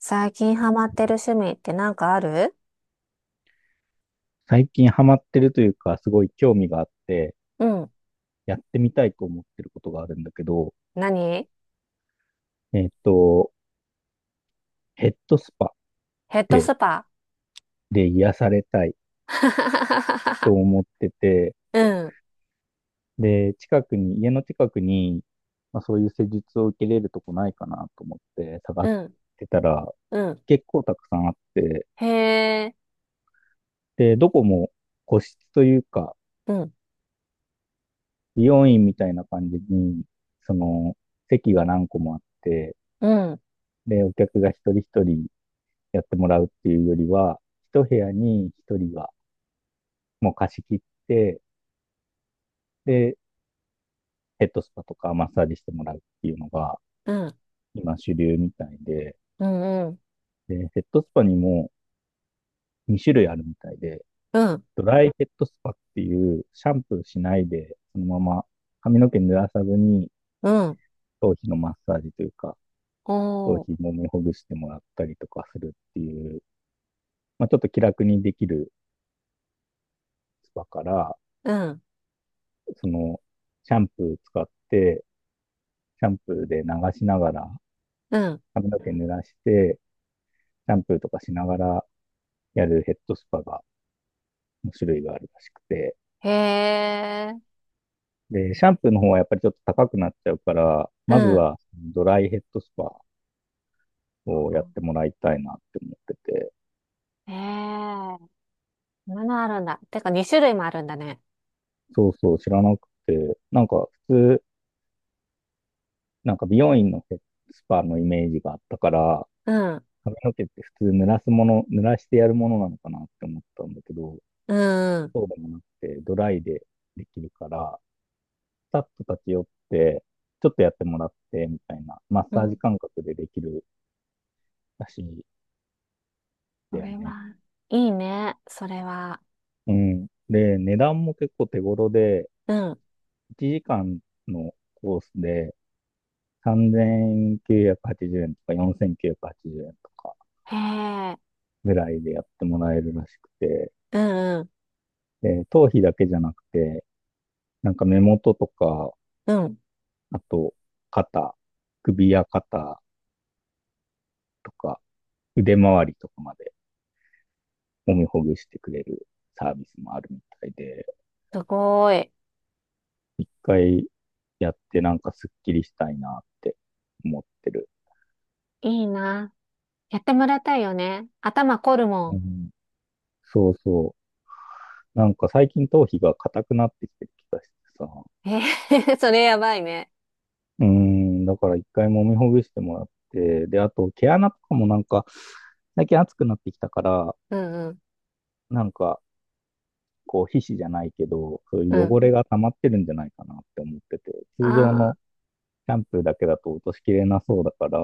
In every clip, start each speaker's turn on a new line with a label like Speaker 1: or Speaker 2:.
Speaker 1: 最近ハマってる趣味ってなんかある？
Speaker 2: 最近ハマってるというか、すごい興味があって、
Speaker 1: うん。
Speaker 2: やってみたいと思ってることがあるんだけど、
Speaker 1: 何？
Speaker 2: えっと、ヘッドスパ
Speaker 1: ヘッド
Speaker 2: で、
Speaker 1: スパ。
Speaker 2: 癒されたいと 思ってて、
Speaker 1: うん、
Speaker 2: で、近くに、家の近くに、まあ、そういう施術を受けれるとこないかなと思って探
Speaker 1: う
Speaker 2: し
Speaker 1: ん、
Speaker 2: てたら、
Speaker 1: うん。
Speaker 2: 結構たくさんあって、
Speaker 1: へえ。
Speaker 2: で、どこも個室というか、
Speaker 1: うん、
Speaker 2: 美容院みたいな感じに、その、席が何個もあって、
Speaker 1: うん、
Speaker 2: で、お客が一人一人やってもらうっていうよりは、一部屋に一人がもう貸し切って、で、ヘッドスパとかマッサージしてもらうっていうのが
Speaker 1: うん、
Speaker 2: 今主流みたいで、
Speaker 1: うん、うん、
Speaker 2: で、ヘッドスパにも2種類あるみたいで、
Speaker 1: うん、
Speaker 2: ドライヘッドスパっていうシャンプーしないで、そのまま髪の毛濡らさずに
Speaker 1: うん。
Speaker 2: 頭皮のマッサージというか、頭
Speaker 1: おー、
Speaker 2: 皮もみほぐしてもらったりとかするっていう、まあ、ちょっと気楽にできるスパから、
Speaker 1: うん、
Speaker 2: そのシャンプー使って、シャンプーで流しながら
Speaker 1: うん。
Speaker 2: 髪の毛濡らして、シャンプーとかしながらやるヘッドスパが、の種類があるらしくて、
Speaker 1: へえ。
Speaker 2: で、シャンプーの方はやっぱりちょっと高くなっちゃうから、
Speaker 1: う
Speaker 2: まず
Speaker 1: ん。
Speaker 2: はドライヘッドスパをやってもらいたいなって思ってて、
Speaker 1: へえ。そんなのあるんだ。てか2種類もあるんだね。
Speaker 2: そうそう、知らなくて、なんか普通、なんか美容院のヘッドスパのイメージがあったから、
Speaker 1: うん、
Speaker 2: 髪の毛って普通濡らすもの、濡らしてやるものなのかなって思ったんだけど、
Speaker 1: うん、
Speaker 2: そうでもなくて、ドライでできるから、スタッフ立ち寄って、ちょっとやってもらって、みたいな、マッ
Speaker 1: う
Speaker 2: サージ
Speaker 1: ん。
Speaker 2: 感覚でできるらしいんだ
Speaker 1: そ
Speaker 2: よ
Speaker 1: れ
Speaker 2: ね。
Speaker 1: は、いいね。それは。
Speaker 2: うん。で、値段も結構手頃で、
Speaker 1: うん。
Speaker 2: 1時間のコースで3980円とか4980円とか
Speaker 1: へえ。
Speaker 2: ぐらいでやってもらえるらしくて、
Speaker 1: うん、うん、
Speaker 2: で、頭皮だけじゃなくて、なんか目元とか、
Speaker 1: うん。
Speaker 2: あと肩、首や肩とか腕周りとかまで揉みほぐしてくれるサービスもあるみたいで、
Speaker 1: すごい。
Speaker 2: 一回やってなんかスッキリしたいなって思ってる。
Speaker 1: いいな。やってもらいたいよね。頭凝るも
Speaker 2: う
Speaker 1: ん。
Speaker 2: ん、そうそう。なんか最近頭皮が硬くなってきてる気がしてさ。
Speaker 1: えー、 それやばいね。
Speaker 2: うん、だから一回揉みほぐしてもらって、で、あと毛穴とかもなんか、最近暑くなってきたから、
Speaker 1: うんうん。
Speaker 2: なんか、こう皮脂じゃないけど、そう
Speaker 1: う
Speaker 2: いう汚れ
Speaker 1: ん。
Speaker 2: が溜まってるんじゃないかなって思ってて、通常
Speaker 1: ああ、
Speaker 2: のシャンプーだけだと落としきれなそうだから、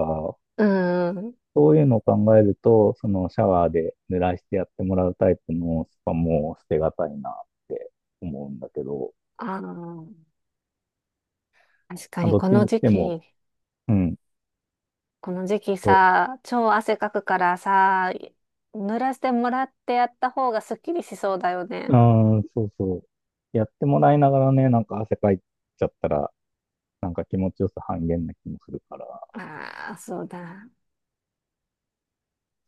Speaker 1: うんうん。
Speaker 2: そういうのを考えると、そのシャワーで濡らしてやってもらうタイプのスパも捨てがたいなって思うんだけど、
Speaker 1: ああ、確か
Speaker 2: まあ、
Speaker 1: に
Speaker 2: どっ
Speaker 1: こ
Speaker 2: ちに
Speaker 1: の
Speaker 2: し
Speaker 1: 時
Speaker 2: ても、
Speaker 1: 期、
Speaker 2: うん、
Speaker 1: この時期
Speaker 2: そ
Speaker 1: さ、超汗かくからさ、濡らしてもらってやった方がすっきりしそうだよね。
Speaker 2: う、あーそうそう。やってもらいながらね、なんか汗かいちゃったら、なんか気持ちよさ半減な気もするから、
Speaker 1: ああ、そうだ。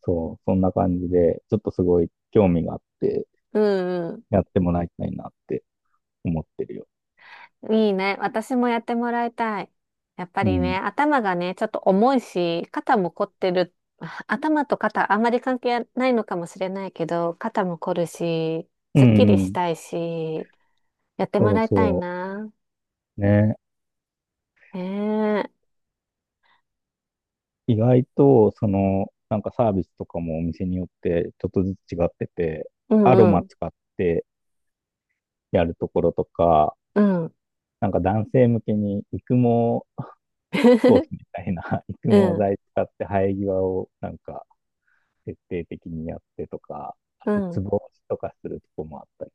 Speaker 2: そう、そんな感じで、ちょっとすごい興味があって、
Speaker 1: うん。
Speaker 2: やってもらいたいなって思ってるよ。
Speaker 1: いいね。私もやってもらいたい。やっぱ
Speaker 2: う
Speaker 1: りね、
Speaker 2: ん。
Speaker 1: 頭がね、ちょっと重いし、肩も凝ってる。あ、頭と肩、あんまり関係ないのかもしれないけど、肩も凝るし、
Speaker 2: う
Speaker 1: すっき
Speaker 2: ん
Speaker 1: り
Speaker 2: う
Speaker 1: し
Speaker 2: ん。
Speaker 1: たいし、やっても
Speaker 2: そう
Speaker 1: らいたい
Speaker 2: そ
Speaker 1: な。
Speaker 2: う。ね。
Speaker 1: へえ。
Speaker 2: 意外と、その、なんかサービスとかもお店によってちょっとずつ違ってて、
Speaker 1: う
Speaker 2: アロ
Speaker 1: んう
Speaker 2: マ
Speaker 1: ん。
Speaker 2: 使ってやるところとか、
Speaker 1: うん。
Speaker 2: なんか男性向けに育毛コース みたいな 育
Speaker 1: う
Speaker 2: 毛
Speaker 1: ん。
Speaker 2: 剤使って生え際をなんか徹底的にやってとか、あ
Speaker 1: う
Speaker 2: とツ
Speaker 1: ん。
Speaker 2: ボ押しとかするとこもあったり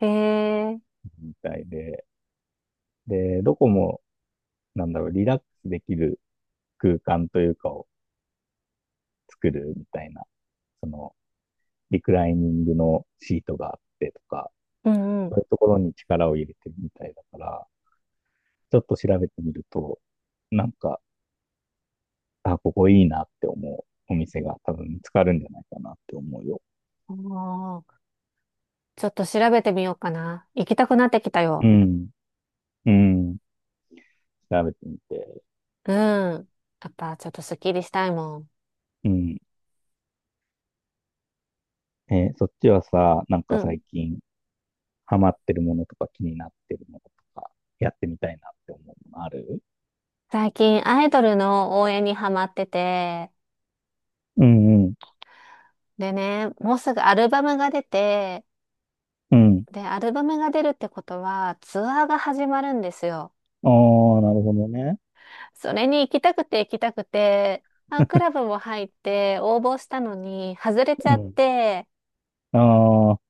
Speaker 1: へえ。
Speaker 2: みたいで、で、どこもなんだろう、リラックスできる空間というかを作るみたいな、そのリクライニングのシートがあってとか、
Speaker 1: うんうん。
Speaker 2: そういうところに力を入れてるみたいだから、ちょっと調べてみると、なんか、あ、ここいいなって思うお店が多分見つかるんじゃないかなって思うよ。
Speaker 1: おー、ちょっと調べてみようかな。行きたくなってきたよ。
Speaker 2: うん。うん。調べてみて。
Speaker 1: うん。やっぱちょっとすっきりしたいもん。
Speaker 2: うん。えーそっちはさ、なん
Speaker 1: う
Speaker 2: か
Speaker 1: ん。
Speaker 2: 最近ハマってるものとか気になってるものとか、やってみたいなって思うものある？
Speaker 1: 最近アイドルの応援にハマってて、
Speaker 2: うんうん。
Speaker 1: でね、もうすぐアルバムが出て、
Speaker 2: うん。
Speaker 1: で、アルバムが出るってことはツアーが始まるんですよ。
Speaker 2: ああ、なるほどね。
Speaker 1: それに行きたくて行きたくて、ファンクラブも入って応募したのに外れち
Speaker 2: う
Speaker 1: ゃっ
Speaker 2: ん。
Speaker 1: て、
Speaker 2: ああ、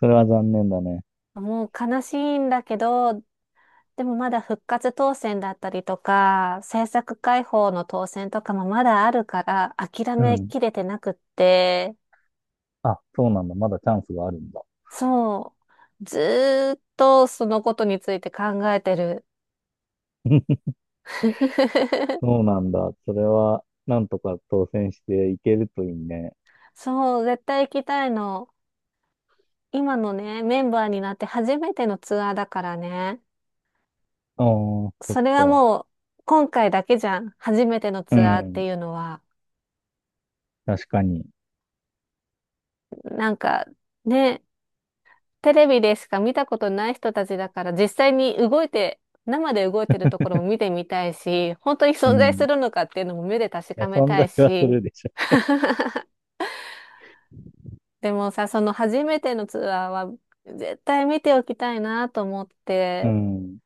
Speaker 2: それは残念だね。
Speaker 1: もう悲しいんだけど、でもまだ復活当選だったりとか、制作開放の当選とかもまだあるから諦
Speaker 2: う
Speaker 1: め
Speaker 2: ん。
Speaker 1: きれてなくって、
Speaker 2: あ、そうなんだ。まだチャンスがあるんだ。
Speaker 1: そう。ずーっとそのことについて考えてる。
Speaker 2: そうなんだ。それは、なんとか当選していけるといいね。
Speaker 1: そう、絶対行きたいの。今のね、メンバーになって初めてのツアーだからね。
Speaker 2: ああ、そっ
Speaker 1: それは
Speaker 2: か。
Speaker 1: もう、今回だけじゃん。初めての
Speaker 2: う
Speaker 1: ツアーっ
Speaker 2: ん。
Speaker 1: ていうのは。
Speaker 2: 確かに。
Speaker 1: なんか、ね、テレビでしか見たことない人たちだから、実際に動いて、生で動いてるところも見てみたいし、本当に
Speaker 2: う
Speaker 1: 存在
Speaker 2: ん。
Speaker 1: する
Speaker 2: い
Speaker 1: のかっていうのも目で確か
Speaker 2: や、
Speaker 1: め
Speaker 2: 存
Speaker 1: たい
Speaker 2: 在はす
Speaker 1: し、
Speaker 2: るでしょ。
Speaker 1: でもさ、その初めてのツアーは絶対見ておきたいなと思っ
Speaker 2: う
Speaker 1: て、
Speaker 2: ん。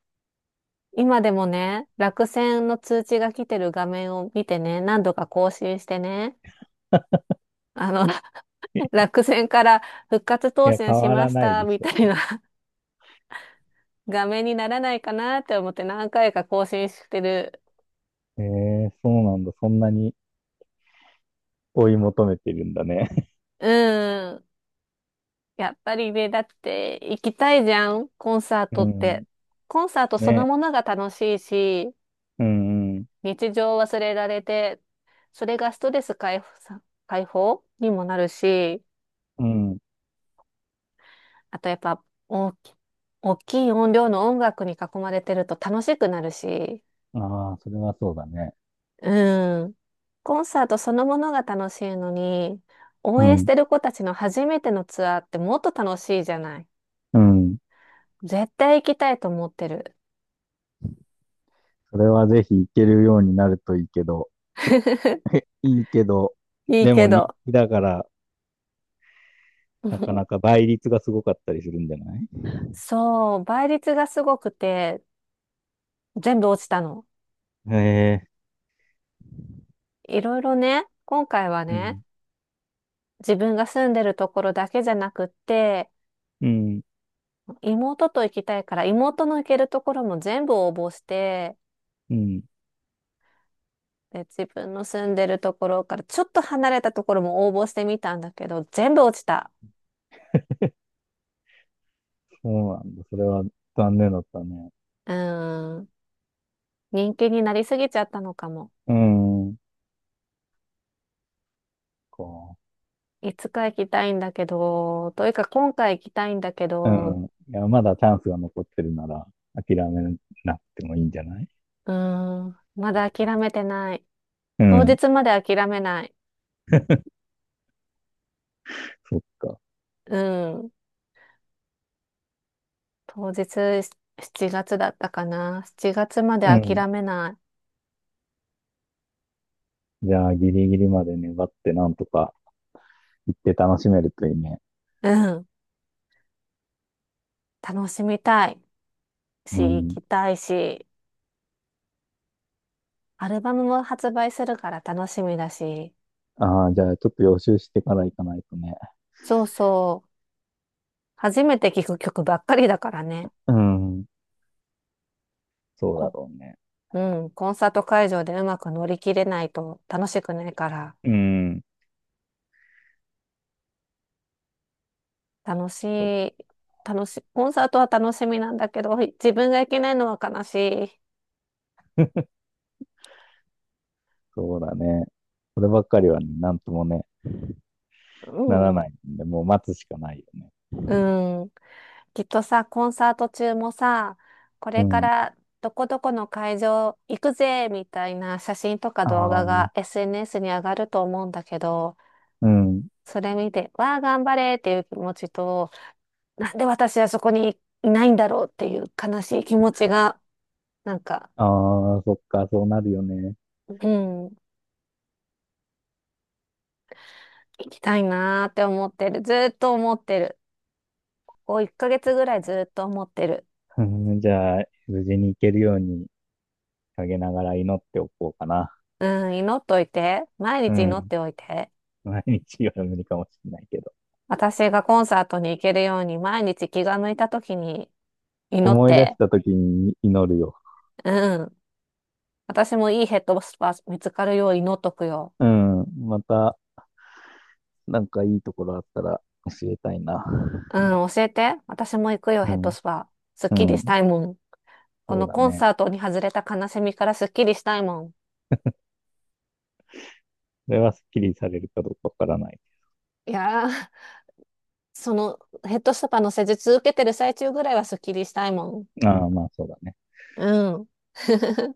Speaker 1: 今でもね、落選の通知が来てる画面を見てね、何度か更新してね、あの、落選から復活
Speaker 2: い
Speaker 1: 当
Speaker 2: や、変
Speaker 1: 選し
Speaker 2: わ
Speaker 1: ま
Speaker 2: ら
Speaker 1: し
Speaker 2: ない
Speaker 1: た
Speaker 2: でし
Speaker 1: みたい
Speaker 2: ょ。
Speaker 1: な 画面にならないかなって思って何回か更新してる。
Speaker 2: ええそうなんだ。そんなに追い求めてるんだね。
Speaker 1: うん。やっぱりね、だって行きたいじゃん、コンサー
Speaker 2: う
Speaker 1: トって。
Speaker 2: ん。
Speaker 1: コンサートその
Speaker 2: ね。
Speaker 1: ものが楽しいし、
Speaker 2: うん、うん。
Speaker 1: 日常を忘れられて、それがストレス解放さ、解放にもなるし、
Speaker 2: うん。
Speaker 1: あとやっぱ大きい音量の音楽に囲まれてると楽しくなるし、
Speaker 2: ああ、それはそうだね。
Speaker 1: うん。コンサートそのものが楽しいのに、応
Speaker 2: う
Speaker 1: 援し
Speaker 2: ん。
Speaker 1: てる子たちの初めてのツアーってもっと楽しいじゃない。
Speaker 2: うん。
Speaker 1: 絶対行きたいと思ってる。
Speaker 2: それはぜひ行けるようになるといいけど。いいけど、
Speaker 1: いい
Speaker 2: でも
Speaker 1: け
Speaker 2: 人
Speaker 1: ど。
Speaker 2: 気だから、なかなか 倍率がすごかったりするんじゃない？
Speaker 1: そう、倍率がすごくて、全部落ちたの。
Speaker 2: へえ。
Speaker 1: いろいろね、今回は
Speaker 2: う
Speaker 1: ね、
Speaker 2: ん。
Speaker 1: 自分が住んでるところだけじゃなくって、
Speaker 2: うん。
Speaker 1: 妹と行きたいから、妹の行けるところも全部応募して、
Speaker 2: うん。
Speaker 1: で、自分の住んでるところからちょっと離れたところも応募してみたんだけど、全部落ちた。
Speaker 2: そうなんだ。それは残念だったね。
Speaker 1: うーん。人気になりすぎちゃったのかも。
Speaker 2: うん。こ
Speaker 1: いつか行きたいんだけど、というか今回行きたいんだけ
Speaker 2: うう
Speaker 1: ど、
Speaker 2: ん。いや、まだチャンスが残ってるなら、諦めなくてもいいんじゃない？
Speaker 1: うーん。まだ諦めてない。
Speaker 2: う
Speaker 1: 当
Speaker 2: ん。
Speaker 1: 日まで諦めない。
Speaker 2: そっか。
Speaker 1: うん。当日7月だったかな。7月まで
Speaker 2: うん。
Speaker 1: 諦めない。
Speaker 2: じゃあ、ギリギリまで粘って、なんとか行って楽しめるといいね。
Speaker 1: うん。楽しみたいし、
Speaker 2: う
Speaker 1: 行
Speaker 2: ん。
Speaker 1: きたいし、アルバムも発売するから楽しみだし、
Speaker 2: ああ、じゃあ、ちょっと予習してから行かないとね。
Speaker 1: そうそう。初めて聴く曲ばっかりだからね。
Speaker 2: うん。そうだ
Speaker 1: こ
Speaker 2: ろうね。
Speaker 1: うん。コンサート会場でうまく乗り切れないと楽しくないから、
Speaker 2: うん。
Speaker 1: 楽し
Speaker 2: そ
Speaker 1: い、楽しい、コンサートは楽しみなんだけど、自分が行けないのは悲しい。
Speaker 2: そうだね。こればっかりはね、なんともね、なら
Speaker 1: う
Speaker 2: な
Speaker 1: ん。
Speaker 2: いんで、もう待つしかないよね。
Speaker 1: うん。きっとさ、コンサート中もさ、こ
Speaker 2: う
Speaker 1: れか
Speaker 2: ん。
Speaker 1: らどこどこの会場行くぜみたいな写真とか
Speaker 2: あ
Speaker 1: 動画
Speaker 2: あ、
Speaker 1: が SNS に上がると思うんだけど、
Speaker 2: うん。
Speaker 1: それ見て、わあ、頑張れっていう気持ちと、なんで私はそこにいないんだろうっていう悲しい気持ちが、なんか、
Speaker 2: ああ、そっか、そうなるよね。
Speaker 1: うん、行きたいなーって思ってる。ずーっと思ってる。こう1ヶ月ぐらいずーっと思ってる。
Speaker 2: うん、じゃあ、無事に行けるように陰ながら祈っておこうかな。
Speaker 1: うん、祈っといて。毎
Speaker 2: う
Speaker 1: 日祈っ
Speaker 2: ん。
Speaker 1: ておいて。
Speaker 2: 毎日は無理かもしれないけど。
Speaker 1: 私がコンサートに行けるように毎日気が向いた時に祈っ
Speaker 2: 思い出し
Speaker 1: て、
Speaker 2: た時に祈るよ。
Speaker 1: うん。私もいいヘッドスパ見つかるよう祈っとくよ。
Speaker 2: うん。また、なんかいいところあったら教えたいな。
Speaker 1: うん、教えて。私も行くよ、
Speaker 2: う
Speaker 1: ヘッド
Speaker 2: ん。
Speaker 1: スパ。すっ
Speaker 2: う
Speaker 1: きりし
Speaker 2: ん。
Speaker 1: たいもん。こ
Speaker 2: そう
Speaker 1: の
Speaker 2: だ
Speaker 1: コン
Speaker 2: ね。
Speaker 1: サートに外れた悲しみからすっきりしたいもん。
Speaker 2: それはスッキリされるかどうかわからない。
Speaker 1: いやー、そのヘッドスパの施術受けてる最中ぐらいはすっきりしたいもん。
Speaker 2: ああ、まあそうだね。
Speaker 1: うん。